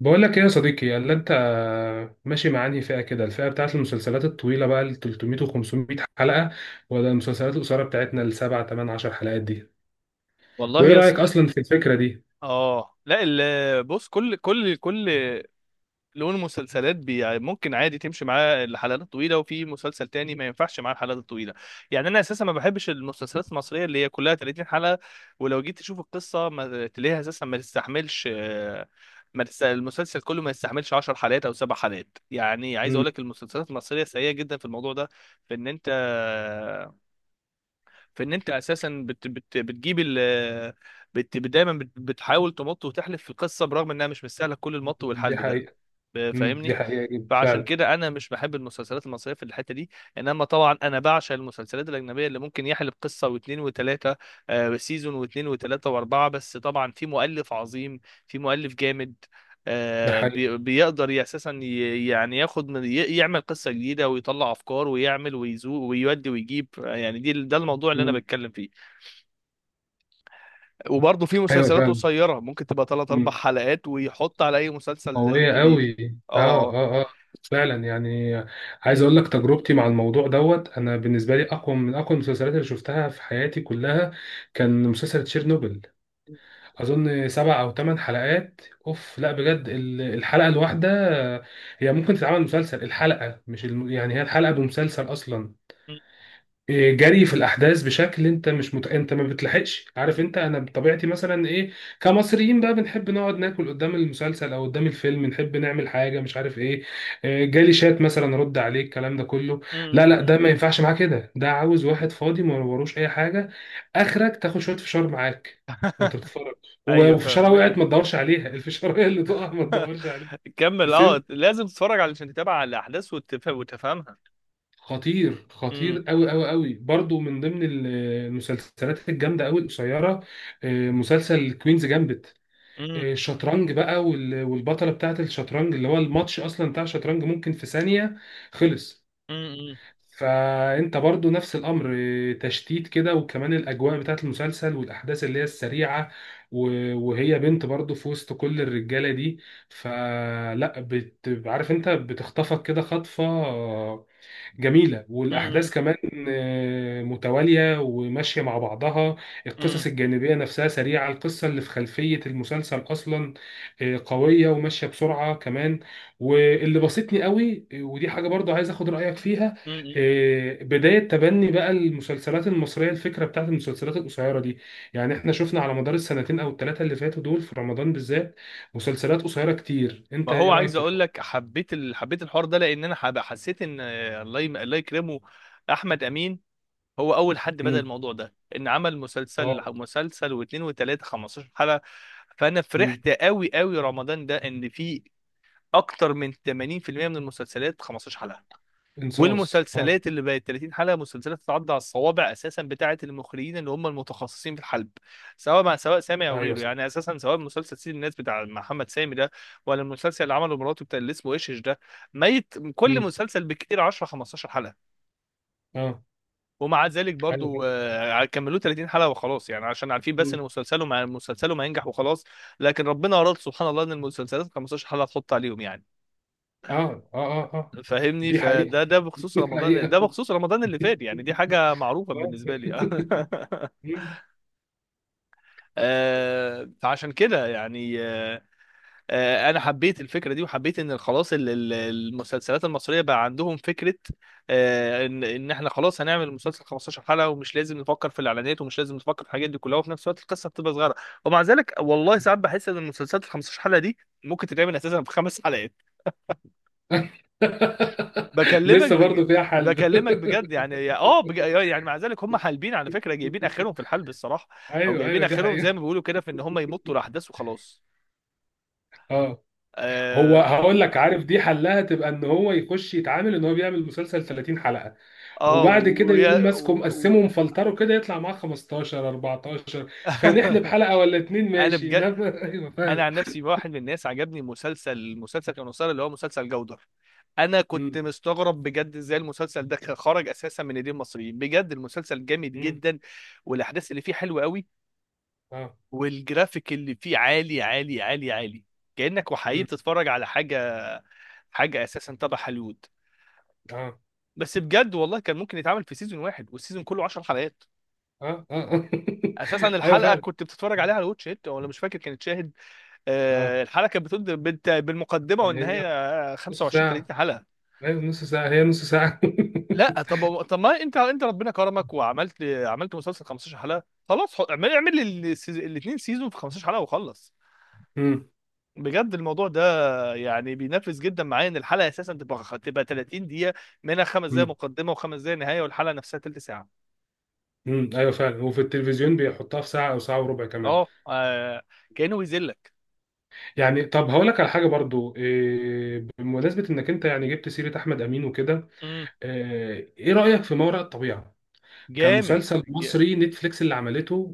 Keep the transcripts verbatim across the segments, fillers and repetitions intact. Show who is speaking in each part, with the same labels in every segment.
Speaker 1: بقول لك ايه يا صديقي؟ اللي انت ماشي مع انهي فئه كده، الفئه بتاعت المسلسلات الطويله بقى ال تلات ميت و خمس ميت حلقه، ولا المسلسلات القصيره بتاعتنا السبع تمن عشر حلقات دي؟
Speaker 2: والله
Speaker 1: وايه
Speaker 2: يص...
Speaker 1: رايك اصلا في الفكره دي؟
Speaker 2: اه، لا، ال... بص، كل كل كل لون مسلسلات بي... يعني ممكن عادي تمشي معاه الحلقات الطويله، وفي مسلسل تاني ما ينفعش معاه الحلقات الطويله. يعني انا اساسا ما بحبش المسلسلات المصريه اللي هي كلها ثلاثين حلقة حلقه، ولو جيت تشوف القصه ما تلاقيها اساسا ما تستحملش. آه، ما تست... المسلسل كله ما يستحملش 10 حلقات او سبع حلقات. يعني عايز
Speaker 1: امم
Speaker 2: اقول لك المسلسلات المصريه سيئه جدا في الموضوع ده، في ان انت، فان انت اساسا بت بت بتجيب ال بت بت- دايما بت بتحاول تمط وتحلف في القصه برغم انها مش مستاهله كل المط
Speaker 1: دي
Speaker 2: والحلب ده.
Speaker 1: حقيقه. امم دي
Speaker 2: فاهمني؟
Speaker 1: حقيقه جدا
Speaker 2: فعشان
Speaker 1: فعلا.
Speaker 2: كده انا مش بحب المسلسلات المصريه في الحته دي. انما طبعا انا بعشق المسلسلات الاجنبيه اللي ممكن يحلب قصه واثنين وثلاثه سيزون واثنين وثلاثه واربعه، بس طبعا في مؤلف عظيم، في مؤلف جامد.
Speaker 1: ده
Speaker 2: آه،
Speaker 1: حقيقه.
Speaker 2: بي- بيقدر ي- اساسا ي- يعني ياخد من ي- يعمل قصه جديده، ويطلع افكار، ويعمل، ويزوق، ويودي، ويجيب. يعني دي ده الموضوع اللي انا
Speaker 1: امم.
Speaker 2: بتكلم فيه. وبرضه في
Speaker 1: ايوه
Speaker 2: مسلسلات
Speaker 1: فعلا.
Speaker 2: قصيره ممكن تبقى ثلاث اربع
Speaker 1: امم.
Speaker 2: حلقات ويحط على اي مسلسل
Speaker 1: قويه
Speaker 2: كبير.
Speaker 1: قوي. اه،
Speaker 2: اه.
Speaker 1: اه، اه، فعلا يعني. عايز اقول لك تجربتي مع الموضوع دوت، انا بالنسبه لي اقوى من اقوى المسلسلات اللي شفتها في حياتي كلها، كان مسلسل تشيرنوبل. اظن سبع او ثمان حلقات. اوف لا، بجد ال- الحلقه الواحده هي ممكن تتعمل مسلسل. الحلقه مش الم... يعني هي الحلقه بمسلسل اصلا.
Speaker 2: م-
Speaker 1: جري في الاحداث بشكل انت مش مت... انت ما بتلحقش. عارف انت، انا بطبيعتي مثلا ايه، كمصريين بقى بنحب نقعد ناكل قدام المسلسل او قدام الفيلم، نحب نعمل حاجه مش عارف ايه، آه، جالي شات مثلا رد عليه الكلام ده كله.
Speaker 2: م-
Speaker 1: لا
Speaker 2: م.
Speaker 1: لا، ده ما ينفعش معاه كده، ده عاوز واحد فاضي ما وروش اي حاجه، اخرك تاخد شويه فشار معاك وانت بتتفرج.
Speaker 2: ايوه،
Speaker 1: ولو فشاره
Speaker 2: فاهمك.
Speaker 1: وقعت ما تدورش عليها الفشاره هي اللي تقع ما تدورش عليها.
Speaker 2: كمل. اه، لازم تتفرج علشان تتابع على الاحداث وتف... وتفهمها.
Speaker 1: خطير،
Speaker 2: م-
Speaker 1: خطير قوي قوي قوي برضو، من ضمن ال- المسلسلات الجامده قوي القصيره، آه، مسلسل كوينز جامبت.
Speaker 2: م-
Speaker 1: الشطرنج بقى وال- والبطله بتاعه الشطرنج، اللي هو الماتش اصلا بتاع الشطرنج ممكن في ثانيه خلص.
Speaker 2: م- م-
Speaker 1: فانت برضو نفس الامر، آه، تشتيت كده، وكمان الاجواء بتاعه المسلسل والاحداث اللي هي السريعه. و- وهي بنت برضو في وسط كل الرجاله دي. فلا بت... عارف انت، بتخطفك كده خطفه جميلة.
Speaker 2: م-
Speaker 1: والأحداث كمان آه، متوالية وماشية مع بعضها.
Speaker 2: م-
Speaker 1: القصص
Speaker 2: م-
Speaker 1: الجانبية نفسها سريعة، القصة اللي في خلفية المسلسل أصلا آه، قوية وماشية بسرعة كمان. واللي بسطني قوي، آه، ودي حاجة برضو عايز أخد رأيك فيها،
Speaker 2: م.
Speaker 1: آه، بداية تبني بقى المسلسلات المصرية الفكرة بتاعت المسلسلات القصيرة دي. يعني إحنا شفنا على مدار السنتين أو الثلاثة اللي فاتوا دول، في رمضان بالذات مسلسلات قصيرة كتير.
Speaker 2: ما
Speaker 1: أنت إيه
Speaker 2: هو
Speaker 1: رأيك
Speaker 2: عايز
Speaker 1: في
Speaker 2: اقول
Speaker 1: الحوار؟
Speaker 2: لك، حبيت ال... حبيت الحوار ده لان انا حب... حسيت ان آه، الله يم... الله يكرمه احمد امين، هو اول حد بدأ
Speaker 1: مم.
Speaker 2: الموضوع ده، ان عمل مسلسل
Speaker 1: اه.
Speaker 2: مسلسل واثنين وثلاثه خمسة عشر حلقة حلقه. فانا
Speaker 1: مم.
Speaker 2: فرحت قوي قوي رمضان ده ان في اكتر من تمانين في المية من المسلسلات خمستاشر حلقه،
Speaker 1: انصاص. اه.
Speaker 2: والمسلسلات اللي بقت ثلاثين حلقه مسلسلات تتعدى على الصوابع اساسا، بتاعه المخرجين اللي هم المتخصصين في الحلب، سواء مع سواء سامي او
Speaker 1: ايوه
Speaker 2: غيره.
Speaker 1: صح.
Speaker 2: يعني اساسا سواء مسلسل سيد الناس بتاع محمد سامي ده، ولا المسلسل اللي عمله مراته بتاع اللي اسمه ايش، إيش ده، ميت كل
Speaker 1: مم.
Speaker 2: مسلسل بكتير عشرة خمستاشر حلقه.
Speaker 1: اه.
Speaker 2: ومع ذلك
Speaker 1: ايوه
Speaker 2: برضو
Speaker 1: فعلا.
Speaker 2: آه، كملوه ثلاثين حلقه وخلاص، يعني عشان عارفين بس ان
Speaker 1: مم.
Speaker 2: مسلسله مع مسلسله ما ينجح وخلاص. لكن ربنا اراد سبحان الله ان المسلسلات خمستاشر حلقه تحط عليهم يعني.
Speaker 1: اه، اه، اه، اه،
Speaker 2: فاهمني؟
Speaker 1: دي حقيقة.
Speaker 2: فده ده بخصوص
Speaker 1: دي
Speaker 2: رمضان، ده
Speaker 1: حقيقة.
Speaker 2: بخصوص رمضان اللي فات. يعني دي حاجة معروفة
Speaker 1: آه.
Speaker 2: بالنسبة لي.
Speaker 1: مم.
Speaker 2: آه، فعشان كده يعني، آه، آه، انا حبيت الفكرة دي، وحبيت ان خلاص ال- ال- المسلسلات المصرية بقى عندهم فكرة، آه، ان ان احنا خلاص هنعمل مسلسل خمستاشر حلقة، ومش لازم نفكر في الاعلانات، ومش لازم نفكر في الحاجات دي كلها، وفي نفس الوقت القصة بتبقى صغيرة. ومع ذلك والله ساعات بحس ان المسلسلات ال خمسة عشر حلقة دي ممكن تتعمل اساسا في خمس. بكلمك
Speaker 1: لسه
Speaker 2: بج...
Speaker 1: برضو فيها حل.
Speaker 2: بكلمك بجد، يعني يا- اه بج... يعني مع ذلك هم حالبين على فكره، جايبين اخرهم في الحلب الصراحه، او
Speaker 1: ايوه،
Speaker 2: جايبين
Speaker 1: ايوه، دي
Speaker 2: اخرهم
Speaker 1: حقيقة.
Speaker 2: زي ما بيقولوا كده، في ان هم يمطوا الاحداث وخلاص.
Speaker 1: اه، هو
Speaker 2: اه،
Speaker 1: هقول لك، عارف دي حلها تبقى ان هو يخش يتعامل ان هو بيعمل مسلسل ثلاثين حلقة،
Speaker 2: اه.
Speaker 1: وبعد كده
Speaker 2: ويا...
Speaker 1: يقوم
Speaker 2: و...
Speaker 1: ماسكه
Speaker 2: و...
Speaker 1: مقسمه مفلتره كده يطلع معاه خمستاشر اربعة عشر، فنحلب حلقة ولا اتنين
Speaker 2: انا
Speaker 1: ماشي،
Speaker 2: بجد،
Speaker 1: انما ايوه
Speaker 2: انا
Speaker 1: فعلا.
Speaker 2: عن نفسي واحد من الناس عجبني مسلسل، المسلسل كان مسلسل اللي هو مسلسل جودر. انا كنت
Speaker 1: مم.
Speaker 2: مستغرب بجد ازاي المسلسل ده خرج اساسا من ايدين المصريين. بجد المسلسل جامد
Speaker 1: مم.
Speaker 2: جدا، والاحداث اللي فيه حلوه قوي،
Speaker 1: اه.
Speaker 2: والجرافيك اللي فيه عالي عالي عالي عالي، كأنك وحقيقي
Speaker 1: مم.
Speaker 2: بتتفرج على حاجة حاجة اساسا تبع هوليوود.
Speaker 1: اه،
Speaker 2: بس بجد والله كان ممكن يتعمل في سيزون واحد، والسيزون كله 10 حلقات.
Speaker 1: اه، اه، آه.
Speaker 2: اساسا
Speaker 1: ايوه
Speaker 2: الحلقة
Speaker 1: فعلا.
Speaker 2: كنت بتتفرج عليها على واتش ات، ولا مش فاكر كانت شاهد.
Speaker 1: اه،
Speaker 2: آه، الحلقة كانت بتبدأ بالت- بالمقدمة
Speaker 1: هي
Speaker 2: والنهاية، آه،
Speaker 1: نص
Speaker 2: خمسة وعشرين
Speaker 1: ساعة.
Speaker 2: ثلاثين حلقة.
Speaker 1: أيوة نص ساعة، هي نص ساعة.
Speaker 2: لا طب طب، ما انت انت ربنا كرمك وعملت عملت مسلسل خمسة عشر حلقة، خلاص، حط- اعمل اعمل الاثنين سيزون في خمسة عشر حلقة وخلص.
Speaker 1: مم.
Speaker 2: بجد الموضوع ده يعني بينفذ جدا معايا، ان الحلقه اساسا تبقى تبقى ثلاثين دقيقة دقيقه، منها خمس دقائق
Speaker 1: مم.
Speaker 2: مقدمه وخمس دقائق نهايه، والحلقه نفسها تلت ساعه.
Speaker 1: مم. أيوة فعلا، وفي التلفزيون بيحطها في ساعة أو ساعة وربع كمان.
Speaker 2: اه. آه، كانه بيذلك.
Speaker 1: يعني طب هقول لك على حاجة برضو، إيه بمناسبة إنك أنت يعني جبت سيرة أحمد أمين وكده،
Speaker 2: امم
Speaker 1: إيه إيه رأيك في ما وراء الطبيعة؟
Speaker 2: جامد.
Speaker 1: كمسلسل
Speaker 2: ج-
Speaker 1: مصري نتفليكس اللي عملته،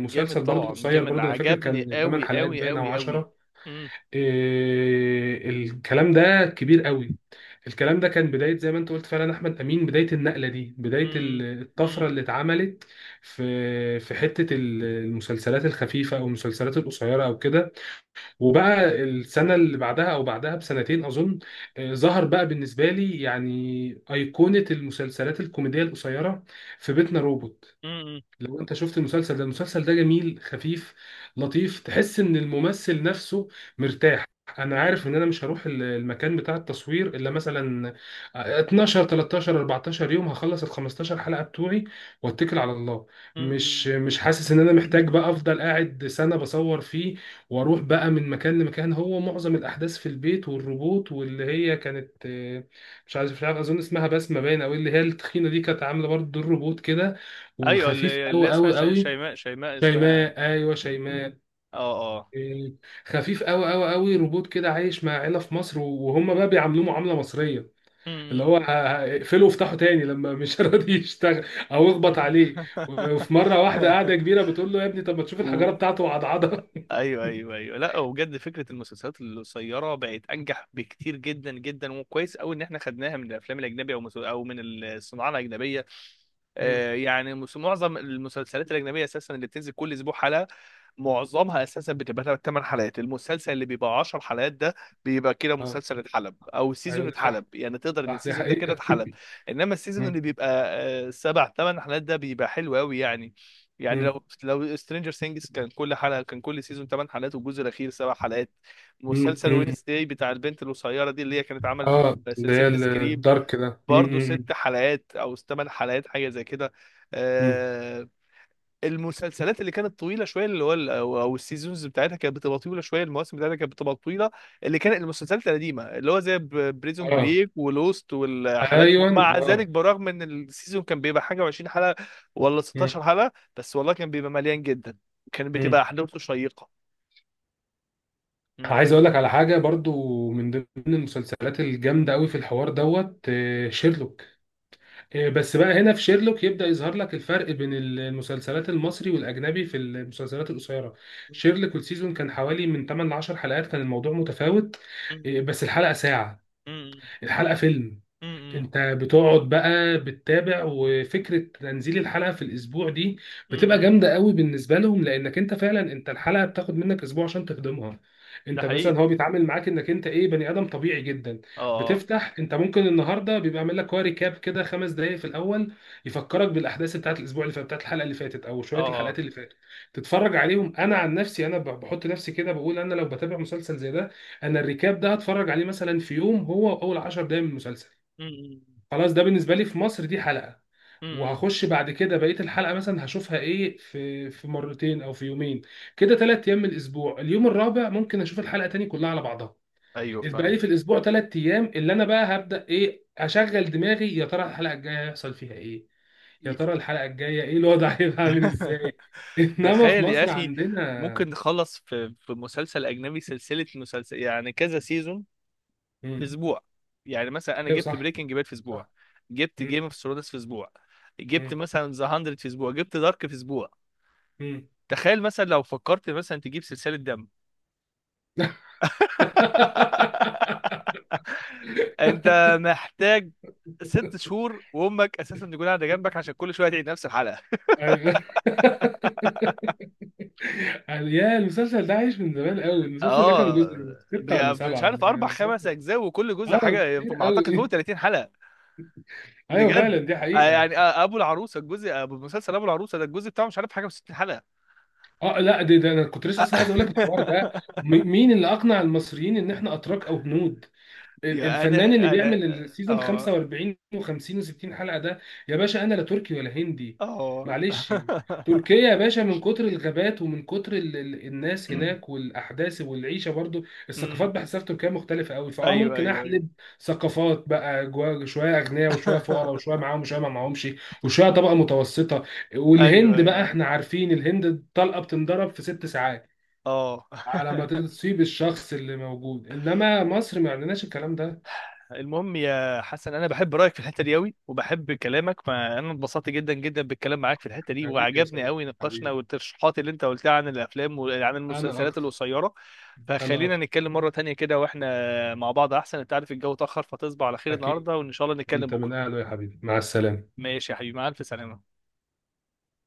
Speaker 2: جامد
Speaker 1: برضو
Speaker 2: طبعا،
Speaker 1: قصير،
Speaker 2: جامد،
Speaker 1: برضو أنا فاكر
Speaker 2: عجبني
Speaker 1: كان ثماني
Speaker 2: قوي
Speaker 1: حلقات
Speaker 2: قوي
Speaker 1: باين أو
Speaker 2: قوي قوي.
Speaker 1: عشرة.
Speaker 2: امم
Speaker 1: إيه الكلام ده كبير قوي. الكلام ده كان بداية، زي ما انت قلت فعلا، احمد امين بداية النقلة دي، بداية
Speaker 2: امم
Speaker 1: ال-
Speaker 2: امم
Speaker 1: الطفرة اللي اتعملت في في حتة ال- المسلسلات الخفيفة او المسلسلات القصيرة او كده. وبقى السنة اللي بعدها او بعدها بسنتين اظن، آه، ظهر بقى بالنسبة لي يعني ايقونة المسلسلات الكوميدية القصيرة، في بيتنا روبوت.
Speaker 2: امم
Speaker 1: لو انت شفت المسلسل ده، المسلسل ده جميل، خفيف لطيف، تحس ان الممثل نفسه مرتاح. انا عارف ان انا مش هروح ال- المكان بتاع التصوير الا مثلا اتناشر تلتاشر اربعتاشر يوم، هخلص ال خمستاشر حلقة بتوعي واتكل على الله.
Speaker 2: امم
Speaker 1: مش مش حاسس ان انا محتاج بقى افضل قاعد سنة بصور فيه، واروح بقى من مكان لمكان. هو معظم الاحداث في البيت، والروبوت واللي هي كانت آه، مش عارف مش عارف اظن اسمها بسمة باينة، او اللي هي التخينة دي كانت عاملة برضه دور روبوت كده.
Speaker 2: ايوه،
Speaker 1: وخفيف
Speaker 2: اللي اللي
Speaker 1: قوي
Speaker 2: اسمها
Speaker 1: قوي
Speaker 2: ش-
Speaker 1: قوي.
Speaker 2: شيماء، شيماء اسمها.
Speaker 1: شيماء، ايوه شيماء.
Speaker 2: اه، اه.
Speaker 1: إيه، خفيف قوي قوي قوي، روبوت كده عايش مع عيله في مصر، وهم بقى بيعاملوه معامله مصريه، اللي
Speaker 2: امم
Speaker 1: هو ه- ه- اقفله وافتحه تاني لما مش راضي يشتغل، او اخبط عليه. وفي مره واحده قاعده كبيره بتقول له يا ابني، طب ما تشوف الحجاره بتاعته وعضعضها.
Speaker 2: ايوه، ايوه، ايوه. لا، وبجد فكره المسلسلات القصيره بقت انجح بكتير جدا جدا، وكويس قوي ان احنا خدناها من الافلام الاجنبيه، او مسل- او من الصناعه الاجنبيه.
Speaker 1: مم.
Speaker 2: آه، يعني مس- معظم المسلسلات الاجنبيه اساسا اللي بتنزل كل اسبوع حلقه، معظمها اساسا بتبقى 8 حلقات. المسلسل اللي بيبقى 10 حلقات ده بيبقى كده
Speaker 1: اه.
Speaker 2: مسلسل اتحلب، او سيزون
Speaker 1: ايوه ده
Speaker 2: اتحلب،
Speaker 1: صح.
Speaker 2: يعني تقدر ان
Speaker 1: صح دي
Speaker 2: السيزون ده كده
Speaker 1: حقيقه.
Speaker 2: اتحلب. انما السيزون
Speaker 1: مم.
Speaker 2: اللي بيبقى سبع ثمانية حلقات ده بيبقى حلو قوي يعني. يعني
Speaker 1: مم.
Speaker 2: لو لو سترينجر ثينجز كان كل حلقه كان كل سيزون 8 حلقات، والجزء الاخير سبع حلقات.
Speaker 1: مم.
Speaker 2: مسلسل
Speaker 1: مم.
Speaker 2: وينسداي بتاع البنت القصيره دي، اللي هي كانت عملت
Speaker 1: اه،
Speaker 2: في
Speaker 1: اللي هي
Speaker 2: سلسله سكريم،
Speaker 1: الدارك ده. مم.
Speaker 2: برضه
Speaker 1: مم.
Speaker 2: ست حلقات او ثمان حلقات حاجه زي كده.
Speaker 1: مم.
Speaker 2: آه، المسلسلات اللي كانت طويله شويه، اللي هو ال- او أو السيزونز بتاعتها كانت بتبقى طويله شويه، المواسم بتاعتها كانت بتبقى طويله، اللي كانت المسلسلات القديمه اللي هو زي بريزون
Speaker 1: اه.
Speaker 2: بريك ولوست والحالات دي.
Speaker 1: ايوه.
Speaker 2: ومع ذلك
Speaker 1: اه.
Speaker 2: برغم ان السيزون كان بيبقى حاجه وعشرين حلقة، ولا ستاشر حلقة حلقه، بس والله كان بيبقى مليان جدا، كان بتبقى
Speaker 1: مم.
Speaker 2: احداثه شيقه. مم.
Speaker 1: عايز اقول لك على حاجه برضو من ضمن المسلسلات الجامده قوي في الحوار دوت، آه، شيرلوك. آه، بس بقى هنا في شيرلوك يبدا يظهر لك الفرق بين المسلسلات المصري والاجنبي في المسلسلات القصيره. شيرلوك السيزون كان حوالي من تمنية ل عشر حلقات، كان الموضوع متفاوت،
Speaker 2: مم.
Speaker 1: آه، بس الحلقه ساعه،
Speaker 2: مم.
Speaker 1: الحلقه فيلم.
Speaker 2: مم.
Speaker 1: انت بتقعد بقى بتتابع، وفكره تنزيل الحلقه في الاسبوع دي بتبقى
Speaker 2: مم.
Speaker 1: جامده قوي بالنسبه لهم، لانك انت فعلا، انت الحلقه بتاخد منك اسبوع عشان تخدمها.
Speaker 2: ده
Speaker 1: انت
Speaker 2: حقيقي.
Speaker 1: مثلا هو بيتعامل معاك انك انت ايه، بني ادم طبيعي جدا.
Speaker 2: اه، اه،
Speaker 1: بتفتح انت ممكن النهارده بيبقى عامل لك هو ريكاب كده خمس دقائق في الاول، يفكرك بالاحداث بتاعت الاسبوع اللي فات، بتاعت الحلقه اللي فاتت او شويه
Speaker 2: اه،
Speaker 1: الحلقات
Speaker 2: اه.
Speaker 1: اللي فاتت، تتفرج عليهم. انا عن نفسي، انا ب- بحط نفسي كده بقول، انا لو بتابع مسلسل زي ده، انا الريكاب ده هتفرج عليه مثلا في يوم، هو اول عشر دقائق من المسلسل.
Speaker 2: مم.
Speaker 1: خلاص، ده بالنسبه لي في مصر دي حلقه.
Speaker 2: مم.
Speaker 1: وهخش بعد كده بقيه الحلقه مثلا هشوفها ايه، في في مرتين او في يومين كده، ثلاث ايام من الاسبوع. اليوم الرابع ممكن اشوف الحلقه تاني كلها على بعضها.
Speaker 2: ايوه،
Speaker 1: يبقى لي
Speaker 2: فاهم.
Speaker 1: في الاسبوع ثلاث ايام، اللي انا بقى هبدا ايه، اشغل دماغي يا ترى الحلقه الجايه هيحصل فيها ايه، يا ترى الحلقه الجايه ايه الوضع هيبقى عامل ازاي. انما في
Speaker 2: تخيل يا
Speaker 1: مصر
Speaker 2: اخي،
Speaker 1: عندنا.
Speaker 2: ممكن نخلص في في مسلسل اجنبي سلسله مسلسل، يعني كذا سيزون، في
Speaker 1: امم.
Speaker 2: اسبوع. يعني مثلا انا
Speaker 1: ايوه
Speaker 2: جبت
Speaker 1: صح.
Speaker 2: بريكنج باد في اسبوع،
Speaker 1: صح.
Speaker 2: جبت جيم
Speaker 1: امم.
Speaker 2: اوف ثرونز في اسبوع، جبت
Speaker 1: امم.
Speaker 2: مثلا ذا ميه في اسبوع، جبت دارك في اسبوع.
Speaker 1: امم.
Speaker 2: تخيل مثلا لو فكرت مثلا تجيب سلسله دم. انت محتاج ست شهور، وامك اساسا تكون قاعده جنبك عشان كل شويه تعيد نفس الحلقه.
Speaker 1: ايوه. يعني يا، المسلسل ده عايش من زمان قوي، المسلسل ده كان
Speaker 2: اه.
Speaker 1: جزء ستة ولا
Speaker 2: بي- مش
Speaker 1: سبعة
Speaker 2: عارف
Speaker 1: ولا
Speaker 2: اربع
Speaker 1: كام كام؟
Speaker 2: خمس اجزاء، وكل جزء
Speaker 1: اه،
Speaker 2: حاجه
Speaker 1: كتير
Speaker 2: ما اعتقد فوق
Speaker 1: قوي.
Speaker 2: ثلاثين حلقة حلقه.
Speaker 1: ايوه
Speaker 2: بجد
Speaker 1: فعلا، دي
Speaker 2: آه،
Speaker 1: حقيقة.
Speaker 2: يعني، آه، ابو العروسه، الجزء ابو مسلسل ابو العروسه ده، الجزء بتاعه مش عارف حاجه وستين حلقة.
Speaker 1: اه لا، ده, ده انا كنت لسه اصلا عايز اقول لك الحوار ده. م- مين اللي اقنع المصريين ان احنا اتراك او هنود، ال-
Speaker 2: يا
Speaker 1: الفنان اللي
Speaker 2: انا انا،
Speaker 1: بيعمل السيزون
Speaker 2: اه،
Speaker 1: خمسة واربعين و50 و60 حلقه ده؟ يا باشا، انا لا تركي ولا هندي،
Speaker 2: اه.
Speaker 1: معلش. تركيا يا باشا من كتر الغابات، ومن كتر ال ال الناس هناك والاحداث والعيشه برضو،
Speaker 2: أمم،
Speaker 1: الثقافات بحسها في تركيا مختلفه قوي، فاه
Speaker 2: ايوه،
Speaker 1: ممكن
Speaker 2: ايوه، ايوه.
Speaker 1: احلب ثقافات بقى جوا، شويه اغنياء وشويه فقراء وشويه معاهم وشويه ما معاهمش، وشويه طبقه متوسطه.
Speaker 2: ايوه،
Speaker 1: والهند
Speaker 2: ايوه،
Speaker 1: بقى
Speaker 2: ايوه،
Speaker 1: احنا عارفين الهند، الطلقه بتنضرب في ست ساعات
Speaker 2: اه.
Speaker 1: على ما تصيب الشخص اللي موجود، انما مصر ما عندناش الكلام.
Speaker 2: المهم يا حسن، انا بحب رايك في الحته دي قوي، وبحب كلامك. فانا اتبسطت جدا جدا بالكلام معاك في الحته دي،
Speaker 1: حبيبي يا
Speaker 2: وعجبني قوي
Speaker 1: صديقي،
Speaker 2: نقاشنا،
Speaker 1: حبيبي.
Speaker 2: والترشيحات اللي انت قلتها عن الافلام وعن
Speaker 1: أنا
Speaker 2: المسلسلات
Speaker 1: أكتر.
Speaker 2: القصيره.
Speaker 1: أنا
Speaker 2: فخلينا
Speaker 1: أكتر.
Speaker 2: نتكلم مره تانية كده واحنا مع بعض احسن. انت عارف الجو اتاخر، فتصبح على خير
Speaker 1: أكيد.
Speaker 2: النهارده، وان شاء الله نتكلم
Speaker 1: وأنت من
Speaker 2: بكره.
Speaker 1: أهله يا حبيبي، مع السلامة.
Speaker 2: ماشي يا حبيبي، مع الف سلامه.